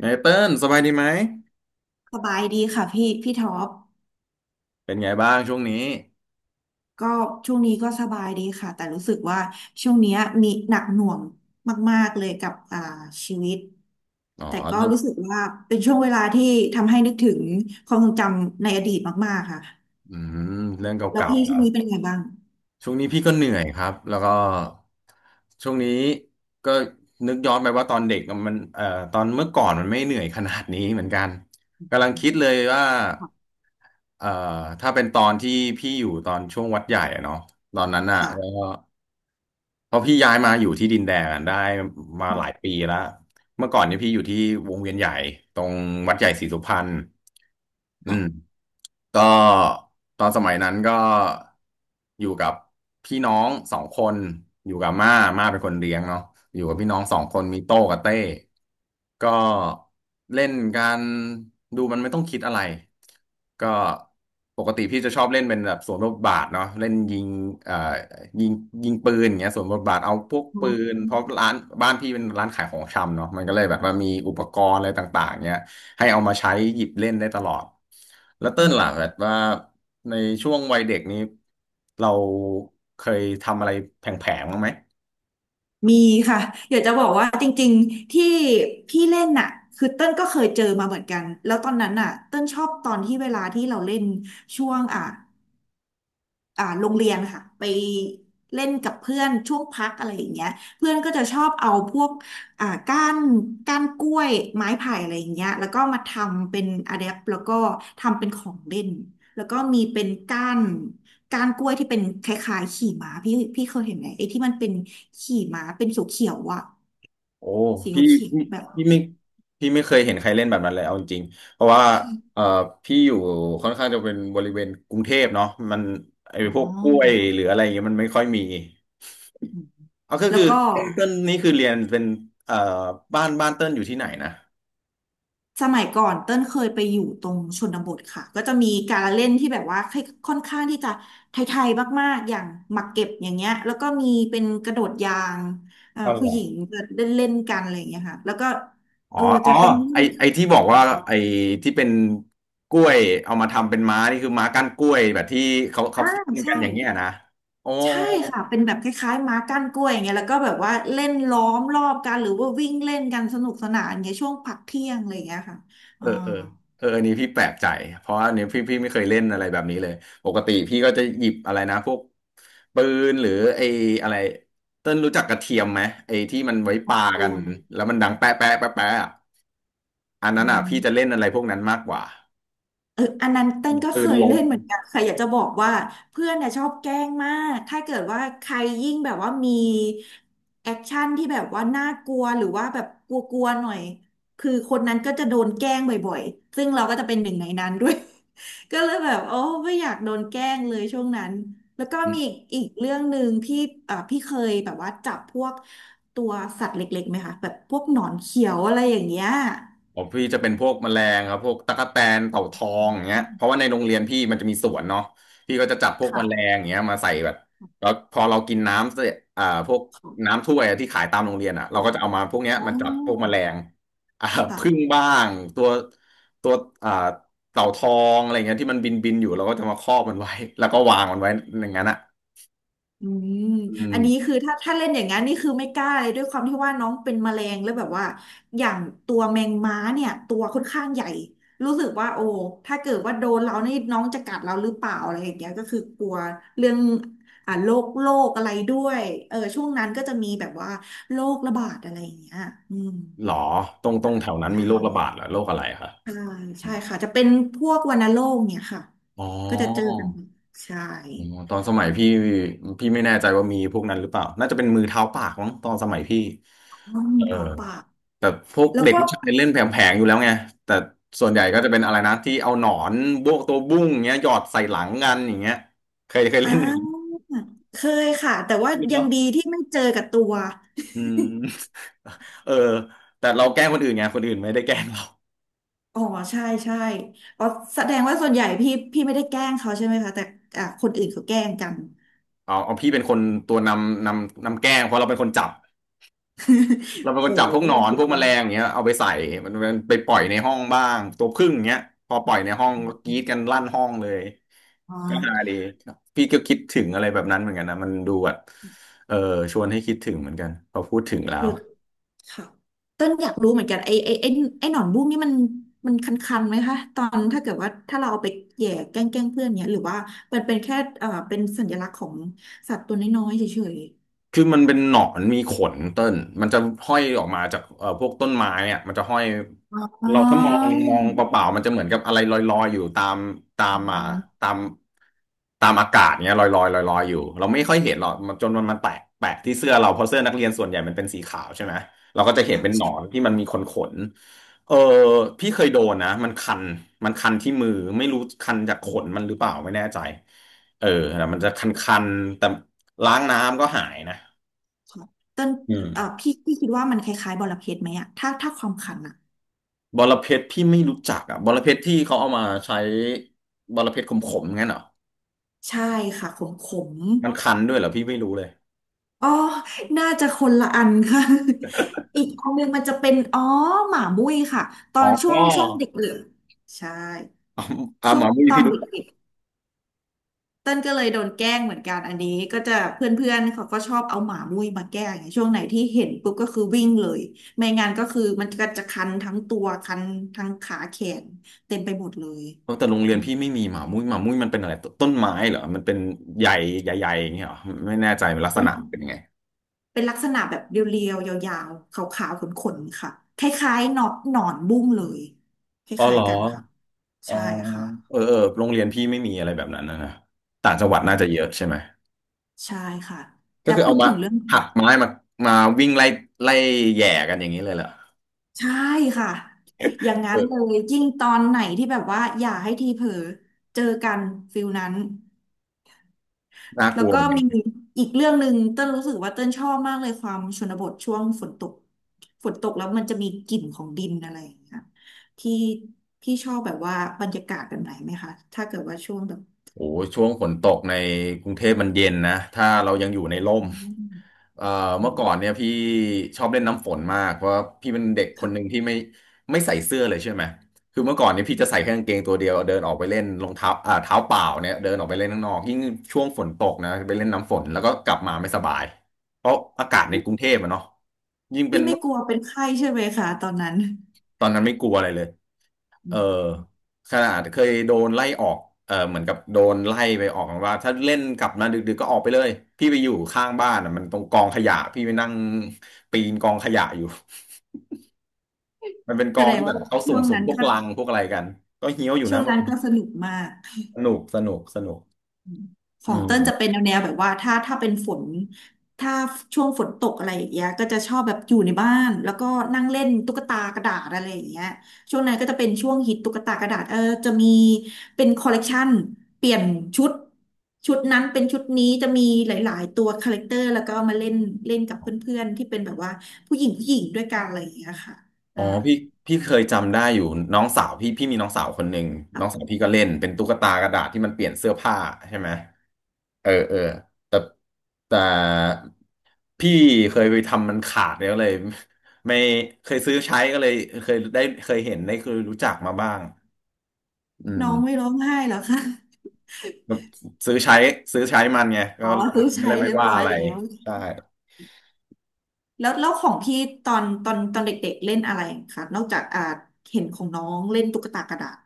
ไงเติ้ลสบายดีไหมสบายดีค่ะพี่ท็อปเป็นไงบ้างช่วงนี้ก็ช่วงนี้ก็สบายดีค่ะแต่รู้สึกว่าช่วงเนี้ยมีหนักหน่วงมากๆเลยกับชีวิตอ๋อแต่ก็เรื่องรู้สึกว่าเป็นช่วงเวลาที่ทำให้นึกถึงความทรงจำในอดีตมากๆค่ะอืมเรื่องเแล้วก่าพี่ๆเหรช่วงอนี้เป็นไงบ้างช่วงนี้พี่ก็เหนื่อยครับแล้วก็ช่วงนี้ก็นึกย้อนไปว่าตอนเด็กอะมันตอนเมื่อก่อนมันไม่เหนื่อยขนาดนี้เหมือนกันกำลังคิดเลยว่าค่ะเอ่อถ้าเป็นตอนที่พี่อยู่ตอนช่วงวัดใหญ่อะเนาะตอนนั้นอ่ะแล้วค่ะก็เพราะพี่ย้ายมาอยู่ที่ดินแดงอะได้มาหลายปีแล้วเมื่อก่อนเนี่ยพี่อยู่ที่วงเวียนใหญ่ตรงวัดใหญ่ศรีสุพรรณอืม ก็ตอนสมัยนั้นก็อยู่กับพี่น้องสองคนอยู่กับม่าม่าเป็นคนเลี้ยงเนาะอยู่กับพี่น้องสองคนมีโต้กับเต้ก็เล่นกันดูมันไม่ต้องคิดอะไรก็ปกติพี่จะชอบเล่นเป็นแบบสวนบทบาทเนาะเล่นยิงเอ่อยิงปืนอย่างเงี้ยสวนบทบาทเอาพวกอืปืมนเพราะร้านพี่เป็นร้านขายของชำเนาะมันก็เลยแบบว่ามีอุปกรณ์อะไรต่างๆเงี้ย ให้เอามาใช้หยิบเล่นได้ตลอด แล้วเติ้อืลมล่ะแบบว่าในช่วงวัยเด็กนี้เราเคยทำอะไรแผลงๆบ้างไหมมีค่ะอยากจะบอกว่าจริงๆที่พี่เล่นน่ะคือเต้นก็เคยเจอมาเหมือนกันแล้วตอนนั้นน่ะเต้นชอบตอนที่เวลาที่เราเล่นช่วงอ่ะ โรงเรียนค่ะไปเล่นกับเพื่อนช่วงพักอะไรอย่างเงี้ยเพื่อนก็จะชอบเอาพวกก้านก้านกล้วยไม้ไผ่อะไรอย่างเงี้ยแล้วก็มาทำเป็นอะแดปแล้วก็ทำเป็นของเล่นแล้วก็มีเป็นก้านก้านกล้วยที่เป็นคล้ายๆขี่ม้าพี่เคยเห็นไหมไอ้ที่มันเป็นขี่ม้าเป็นสีเขียวๆอ่ะโอ้สีพี่เขียวพี่ๆแบบพี่ไม่พี่ไม่เคยเห็นใครเล่นแบบนั้นเลยเอาจริงๆเพราะว่าเอ่อพี่อยู่ค่อนข้างจะเป็นบริเวณกรุงเทพเนาะมันไอ้อ๋พอวกกล้วยหรืออะไรอย่างเงี้ยมันไม่ค่อยมีเอาก็แล้คืวอก็ เติ้ลนี่คือเรียนเป็นเอ่อบ้านเติ้ลอยู่ที่ไหนนะสมัยก่อนเต้นเคยไปอยู่ตรงชนบทค่ะก็จะมีการละเล่นที่แบบว่าค่อนข้างที่จะไทยๆมากๆอย่างหมากเก็บอย่างเงี้ยแล้วก็มีเป็นกระโดดยางอ๋อเหรผู้อ หญิงจะเล่นเล่นกันอะไรอย่างเงี้ยค่ะแล้วก็อ๋อเอออ๋จะอเป็นไอที่บอกอ๋อว่าไอที่เป็นกล้วยเอามาทำเป็นม้านี่คือม้าก้านกล้วยแบบที่เขาอ่าซิ่งกัใช่นอย่างเงี้ยนะโอ้ใช่ค่ะเป็นแบบคล้ายๆม้าก้านกล้วยอย่างเงี้ยแล้วก็แบบว่าเล่นล้อมรอบกันหรือว่าวิ่งเล่นกันสนุกสนานอย่างเงี้ยช่วงพักเที่ยงอะไรอย่างเงี้ยค่ะเออ่าอเออเอออันนี้พี่แปลกใจเพราะอันนี้พี่ไม่เคยเล่นอะไรแบบนี้เลยปกติพี่ก็จะหยิบอะไรนะพวกปืนหรือไออะไรเต้นรู้จักกระเทียมไหมไอที่มันไว้พัปากกัเที่นยงแล้วมันดังแป๊ะแป๊ะแป๊ะแป๊ะอะอันอืนั้นอ่ะพี่จะเล่ม นอะไรพวกนั้นมากกว่าเอออันนั้นเต้นก็ปืเคนยลม เล่นเหมือนกันค่ะอยากจะบอกว่าเพื่อนเนี่ยชอบแกล้งมากถ้าเกิดว่าใครยิ่งแบบว่ามีแอคชั่นที่แบบว่าน่ากลัวหรือว่าแบบกลัวๆหน่อยคือคนนั้นก็จะโดนแกล้งบ่อยๆซึ่งเราก็จะเป็นหนึ่งในนั้นด้วย ก็เลยแบบโอ้ไม่อยากโดนแกล้งเลยช่วงนั้นแล้วก็มีอีกเรื่องหนึ่งที่พี่เคยแบบว่าจับพวกตัวสัตว์เล็กๆไหมคะแบบพวกหนอนเขียวอะไรอย่างเงี้ยของพี่จะเป็นพวกแมลงครับพวกตั๊กแตนเต่าทองอย่างเงี้ยเพราะว่าในโรงเรียนพี่มันจะมีสวนเนาะพี่ก็จะจับพวกแมลงค่ะ อย่างเงี้ยมาใส่แบบแล้วพอเรากินน้ำเสร็จอ่าพวกน้ำถ้วยอะที่ขายตามโรงเรียนอ่ะเราก็จะเอามาพวกเนี้ยอ๋อมาจับพวกแมลงอ่าผึ้งค่ะบ้างตัวตัวอ่าเต่าทองอะไรเงี้ยที่มันบินอยู่เราก็จะมาครอบมันไว้แล้วก็วางมันไว้อย่างนั้นอ่ะอืมอืมอันนี้คือถ้าเล่นอย่างนั้นนี่คือไม่กล้าเลยด้วยความที่ว่าน้องเป็นแมลงแล้วแบบว่าอย่างตัวแมงม้าเนี่ยตัวค่อนข้างใหญ่รู้สึกว่าโอ้ถ้าเกิดว่าโดนเรานี่น้องจะกัดเราหรือเปล่าอะไรอย่างเงี้ยก็คือกลัวเรื่องโรคโรคอะไรด้วยเออช่วงนั้นก็จะมีแบบว่าโรคระบาดอะไรอย่างเงี้ยอืมหรอตรงแถวนั้นใช่มีโรคระบาดเหรอโรคอะไรคะใช่ใช่ค่ะจะเป็นพวกวัณโรคเนี่ยค่ะอ๋อ ก็จะเจอกันบ่อยใช่อ๋อตอนสมัยพี่พี่ไม่แน่ใจว่ามีพวกนั้นหรือเปล่าน่าจะเป็นมือเท้าปากมั้งตอนสมัยพี่อืมเออเท้าปากแต่พวกแล้วเด็กก็ ผู้ชายเล่นแผลงๆอยู่แล้วไงแต่ส่วนใหญ่ก็จะเป็นอะไรนะที่เอาหนอนบวกตัวบุ้งอย่างเงี้ยหยอดใส่หลังกันอย่างเงี้ยเคยอ่เล่นอย่างนี้าเคยค่ะแต่ว่ายัเนาะงดีที่ไม่เจอกับตัว อืม เออแต่เราแกล้งคนอื่นไงคนอื่นไม่ได้แกล้งเราอ๋อใช่ใช่อ๋อแสดงว่าส่วนใหญ่พี่ไม่ได้แกล้งเขาใช่ไหมคะแต่อ่ะคนอื่นเขาแกล้งกัน เอาพี่เป็นคนตัวนำนำแกล้งเพราะเราเป็นคนจับ เราเป็ นคโหนจับพวกหนอนสุพดวกแมยลองอย่าดงเงี้ยเอาไปใส่มันไปปล่อยในห้องบ้างตัวผึ้งอย่างเงี้ยพอปล่อยในห้องก็กรี๊ดกันลั่นห้องเลยอ๋ก็ฮาอดีพี่ก็คิดถึงอะไรแบบนั้นเหมือนกันนะมันดูแบบเออชวนให้คิดถึงเหมือนกันพอพูดถึงแล้เอว ค่ะ ต้นอยากรู้เหมือนกันไอ้หนอนบุ้งนี่มันมันคันๆไหมคะตอนถ้าเกิดว่าถ้าเราเอาไปแหย่แกล้งเพื่อนเนี้ยหรือว่ามันเป็นแค่เป็นสัญลักษณ์ของสัตว์ตัวน้อยๆเฉยคือมันเป็นหนอนมีขนเต้นมันจะห้อยออกมาจากพวกต้นไม้อ่ะมันจะห้อยๆอ๋อเราถ้ามองเปล่าๆมันจะเหมือนกับอะไรลอยๆอยู่ตามตาอืมอ่าม ตามตามอากาศเนี้ยลอยๆลอยๆอยู่เราไม่ค่อยเห็นหรอกมันจนมันแตกแปะที่เสื้อเราเพราะเสื้อนักเรียนส่วนใหญ่มันเป็นสีขาวใช่ไหมเราก็จะเห็นเป็นหนอนที่มันมีขนเออพี่เคยโดนนะมันคันคันที่มือไม่รู้คันจากขนมันหรือเปล่าไม่แน่ใจเออแต่มันจะคันๆแต่ล้างน้ำก็หายนะ เต้นอืมพี่คิดว่ามันคล้ายๆบอระเพ็ดไหมอะถ้าความขันอะบอระเพ็ดพี่ไม่รู้จักอ่ะบอระเพ็ดที่เขาเอามาใช้บอระเพ็ดขมๆงั้นเหรอใช่ค่ะขมขมมันคันด้วยเหรอพี่ไม่รู้เลยอ๋อน่าจะคนละอันค่ะ อีกอันหนึงมันจะเป็นอ๋อหมามุ้ยค่ะตออ๋อ น ช่อ๋วงช่วงเด็กเหลืองใช่อช่หวงมามุ้ยตอพี่นรู้จักเด็กๆเต้นก็เลยโดนแกล้งเหมือนกันอันนี้ก็จะเพื่อนๆเขาก็ชอบเอาหมามุ้ยมาแกล้งองช่วงไหนที่เห็นปุ๊บก็คือวิ่งเลยไม่งั้นก็คือมันก็จะคันทั้งตัวคันทั้งขาแขนเต็มไปหมดเลยเออแต่โรงเรีอืยนม พี่ไม่มีหมามุ้ยหมามุ้ยมันเป็นอะไรต้นไม้เหรอมันเป็นใหญ่ใหญ่ๆอย่างเงี้ยเหรอไม่แน่ใจลักษณะเป็นยังไงเป็นลักษณะแบบเรียวๆ ยาวๆขาวๆขนๆ ค่ะ คล้ายๆหนอนหนอนบุ้งเลย คอ๋อเหล้ารยอๆ กันค่ะ อ๋อใช่ค่ะเออเออโรงเรียนพี่ไม่มีอะไรแบบนั้นนะต่างจังอืหวัดน่าจะเยอะมใช่ไหมใช่ค่ะ ก็แต่คือพูเอาดมาถึงเรื่อง หักไม้มามาวิ่งไล่ไล่แหย่กันอย่างนี้เลยเหรอใช่ค่ะ อย่างนั้นเลเออยยิ่งตอนไหนที่แบบว่าอย่าให้ทีเผลอเจอกันฟิลนั้น น่ากแล้วลัว ก็มีอีกเรื่องหนึ่งเต้นรู้สึกว่าเต้นชอบมากเลยความชนบทช่วงฝนตกฝนตกแล้วมันจะมีกลิ่นของดินอะไรอย่างเงี้ยที่พี่ชอบแบบว่าบรรยากาศแบบไหนไหมคะถ้าเกิดว่าช่วงแบบโอ้ช่วงฝนตกในกรุงเทพมันเย็นนะถ้าเรายังอยู่ในร่มอืมเอ่ออืเมื่อก่อนมเนี่ยพี่ชอบเล่นน้ำฝนมากเพราะพี่เป็นเด็กคนหนึ่งค่ะที่ไม่ใส่เสื้อเลยใช่ไหมคือเมื่อก่อนเนี่ยพี่จะใส่แค่กางเกงตัวเดียวเดินออกไปเล่นรองเท้าเท้าเปล่าเนี่ยเดินออกไปเล่นข้างนอกยิ่งช่วงฝนตกนะไปเล่นน้ำฝนแล้วก็กลับมาไม่สบายเพราะอากาศในกรุงเทพอะเนาะยิ่งเป็พี่นไม่กลัวเป็นไข้ใช่ไหมคะตอนนั้นตอนนั้นไม่กลัวอะไรเลย เออือมขนาดเคยโดนไล่ออกเออเหมือนกับโดนไล่ไปออกว่าถ้าเล่นกลับมาดึกๆก็ออกไปเลย พี่ไปอยู่ข้างบ้านอ่ะมันตรงกองขยะ พี่ไปนั่งปีนกองขยะอยู่ มันเป็นกแสองดงที่แบว่าบเขาสุช่วง่มนั้นๆพวกก็ลังพวกอะไรกันก็เฮี้ยวอยู่ช่วนะงมันนั้นก็สนุกมาก สนุกสนุกสนุกขอืองเติ้ลจะเป็นมแนวแบบว่าถ้าเป็นฝนถ้าช่วงฝนตกอะไรอย่างเงี้ยก็จะชอบแบบอยู่ในบ้านแล้วก็นั่งเล่นตุ๊กตากระดาษอะไรอย่างเงี้ยช่วงนั้นก็จะเป็นช่วงฮิตตุ๊กตากระดาษเออจะมีเป็นคอลเลกชันเปลี่ยนชุดชุดนั้นเป็นชุดนี้จะมีหลายๆตัวคาแรคเตอร์แล้วก็เอามาเล่นเล่นกับเพื่อนๆที่เป็นแบบว่าผู้หญิงผู้หญิงด้วยกันอะไรอย่างเงี้ยค่ะอ๋ออ่าพี่เคยจำได้อยู่น้องสาวพี่มีน้องสาวคนหนึ่งน้อค่ะงสาวพี่ก็เล่นเป็นตุ๊กตากระดาษที่มันเปลี่ยนเสื้อผ้าใช่ไหม เออเออแต่แต่พี่เคยไปทำมันขาดแล้วเลย ไม่เคยซื้อใช้ก็เลยเคยได้เคยเห็นได้เคยรู้จักมาบ้างอืมน้องไม่ร้องไห้เหรอคะซื้อใช้ซื้อใช้มันไงก็อ๋อซื้อก็ใช้เลยไม่เรียบว่าร้อยอะไรแล้ว ใช่ แล้วแล้วของพี่ตอนเด็กๆเล่นอะไรคะนอกจากเห็นของน้องเล่นตุ๊กตากระดาษ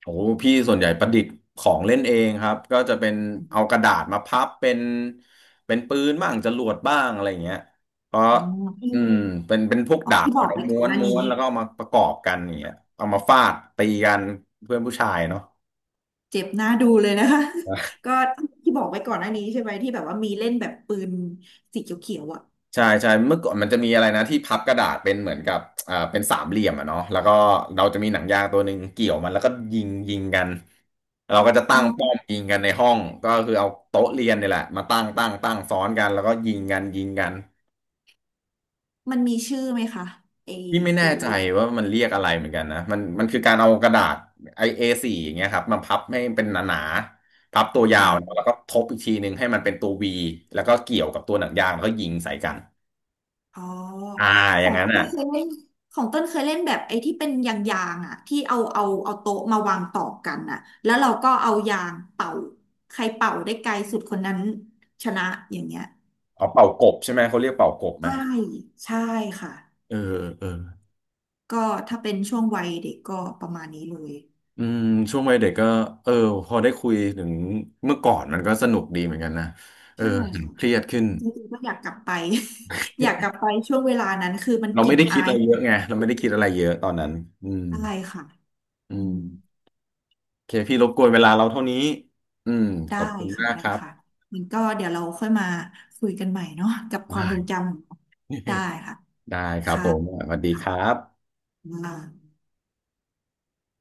โอ้พี่ส่วนใหญ่ประดิษฐ์ของเล่นเองครับก็จะเป็นเอากระดาษมาพับเป็นเป็นปืนบ้างจรวดบ้างอะไรอย่างเงี้ยเพราะอ๋อที่อืมเป็นพวกอ๋อดาบพี่บอกแล้วไว้ม้ก่อวนหนน้าม้นี้วนแล้วก็เอามาประกอบกันอย่างเงี้ยเอามาฟาดตีกันเพื่อนผู้ชายเนาะ เจ็บหน้าดูเลยนะคะ ก็ที่บอกไว้ก่อนหน้านี้ใช่ไหมที่แบบว่ามีเล่นแบบปืนสีเขียวๆอ่ะใช่ใช่เมื่อก่อนมันจะมีอะไรนะที่พับกระดาษเป็นเหมือนกับเป็นสามเหลี่ยมอะเนาะแล้วก็เราจะมีหนังยางตัวหนึ่งเกี่ยวมันแล้วก็ยิงกันเราก็จะอ๋ตั้องป้อมยิงกันในห้องก็คือเอาโต๊ะเรียนเนี่ยแหละมาตั้งซ้อนกันแล้วก็ยิงกันมันมีชื่อไหมคะไอพี่ไม่แน่ตัวใจละเล่น ว่ามันเรียกอะไรเหมือนกันนะมันคือการเอากระดาษไอเอสี่อย่างเงี้ยครับมาพับให้เป็นหนาๆพับตัวยาวเนอะแล้วก็ทบอีกทีหนึ่งให้มันเป็นตัววีแล้วก็เกี่ยวกับตัวหนังยางแล้วก็ยิงใส่กันอ๋ออ่าอขย่าองงนั้นต้อ่ะ นเคยเล่นของต้นเคยเล่นแบบไอ้ที่เป็นยางๆอ่ะที่เอาโต๊ะมาวางต่อกันอ่ะแล้วเราก็เอายางเป่าใครเป่าได้ไกลสุดคนนั้นชนะอย่างเงี้ยอ๋อเป่ากบใช่ไหมเขาเรียกเป่ากบไหมใช่ใช่ค่ะเออเออก็ถ้าเป็นช่วงวัยเด็กก็ประมาณนี้เลยอืมช่วงวัยเด็กก็เออพอได้คุยถึงเมื่อก่อนมันก็สนุกดีเหมือนกันนะเออใช่เห็นค่ะเครียดขึ้นจริงๆก็อยากกลับไป อยากกลับไปช่วงเวลานั้นคือมันเรากลิ่ไม่นได้อาคิดยอะไรขเยองอะไงเราไม่ได้คิดอะไรเยอะตอนนั้นอืมอะไรค่ะอือืม มโอเคพี่รบกวนเวลาเราเท่านี้อืมขได้อบคุณค่ะมากได้ครับค่ะมันก็เดี๋ยวเราค่อยมาคุยกันใหม่เนาะกับความได้ ทรงจำของเราได้ค่ะ ได้ครับค่ะผมสวัสดีคค่ะรับอ่า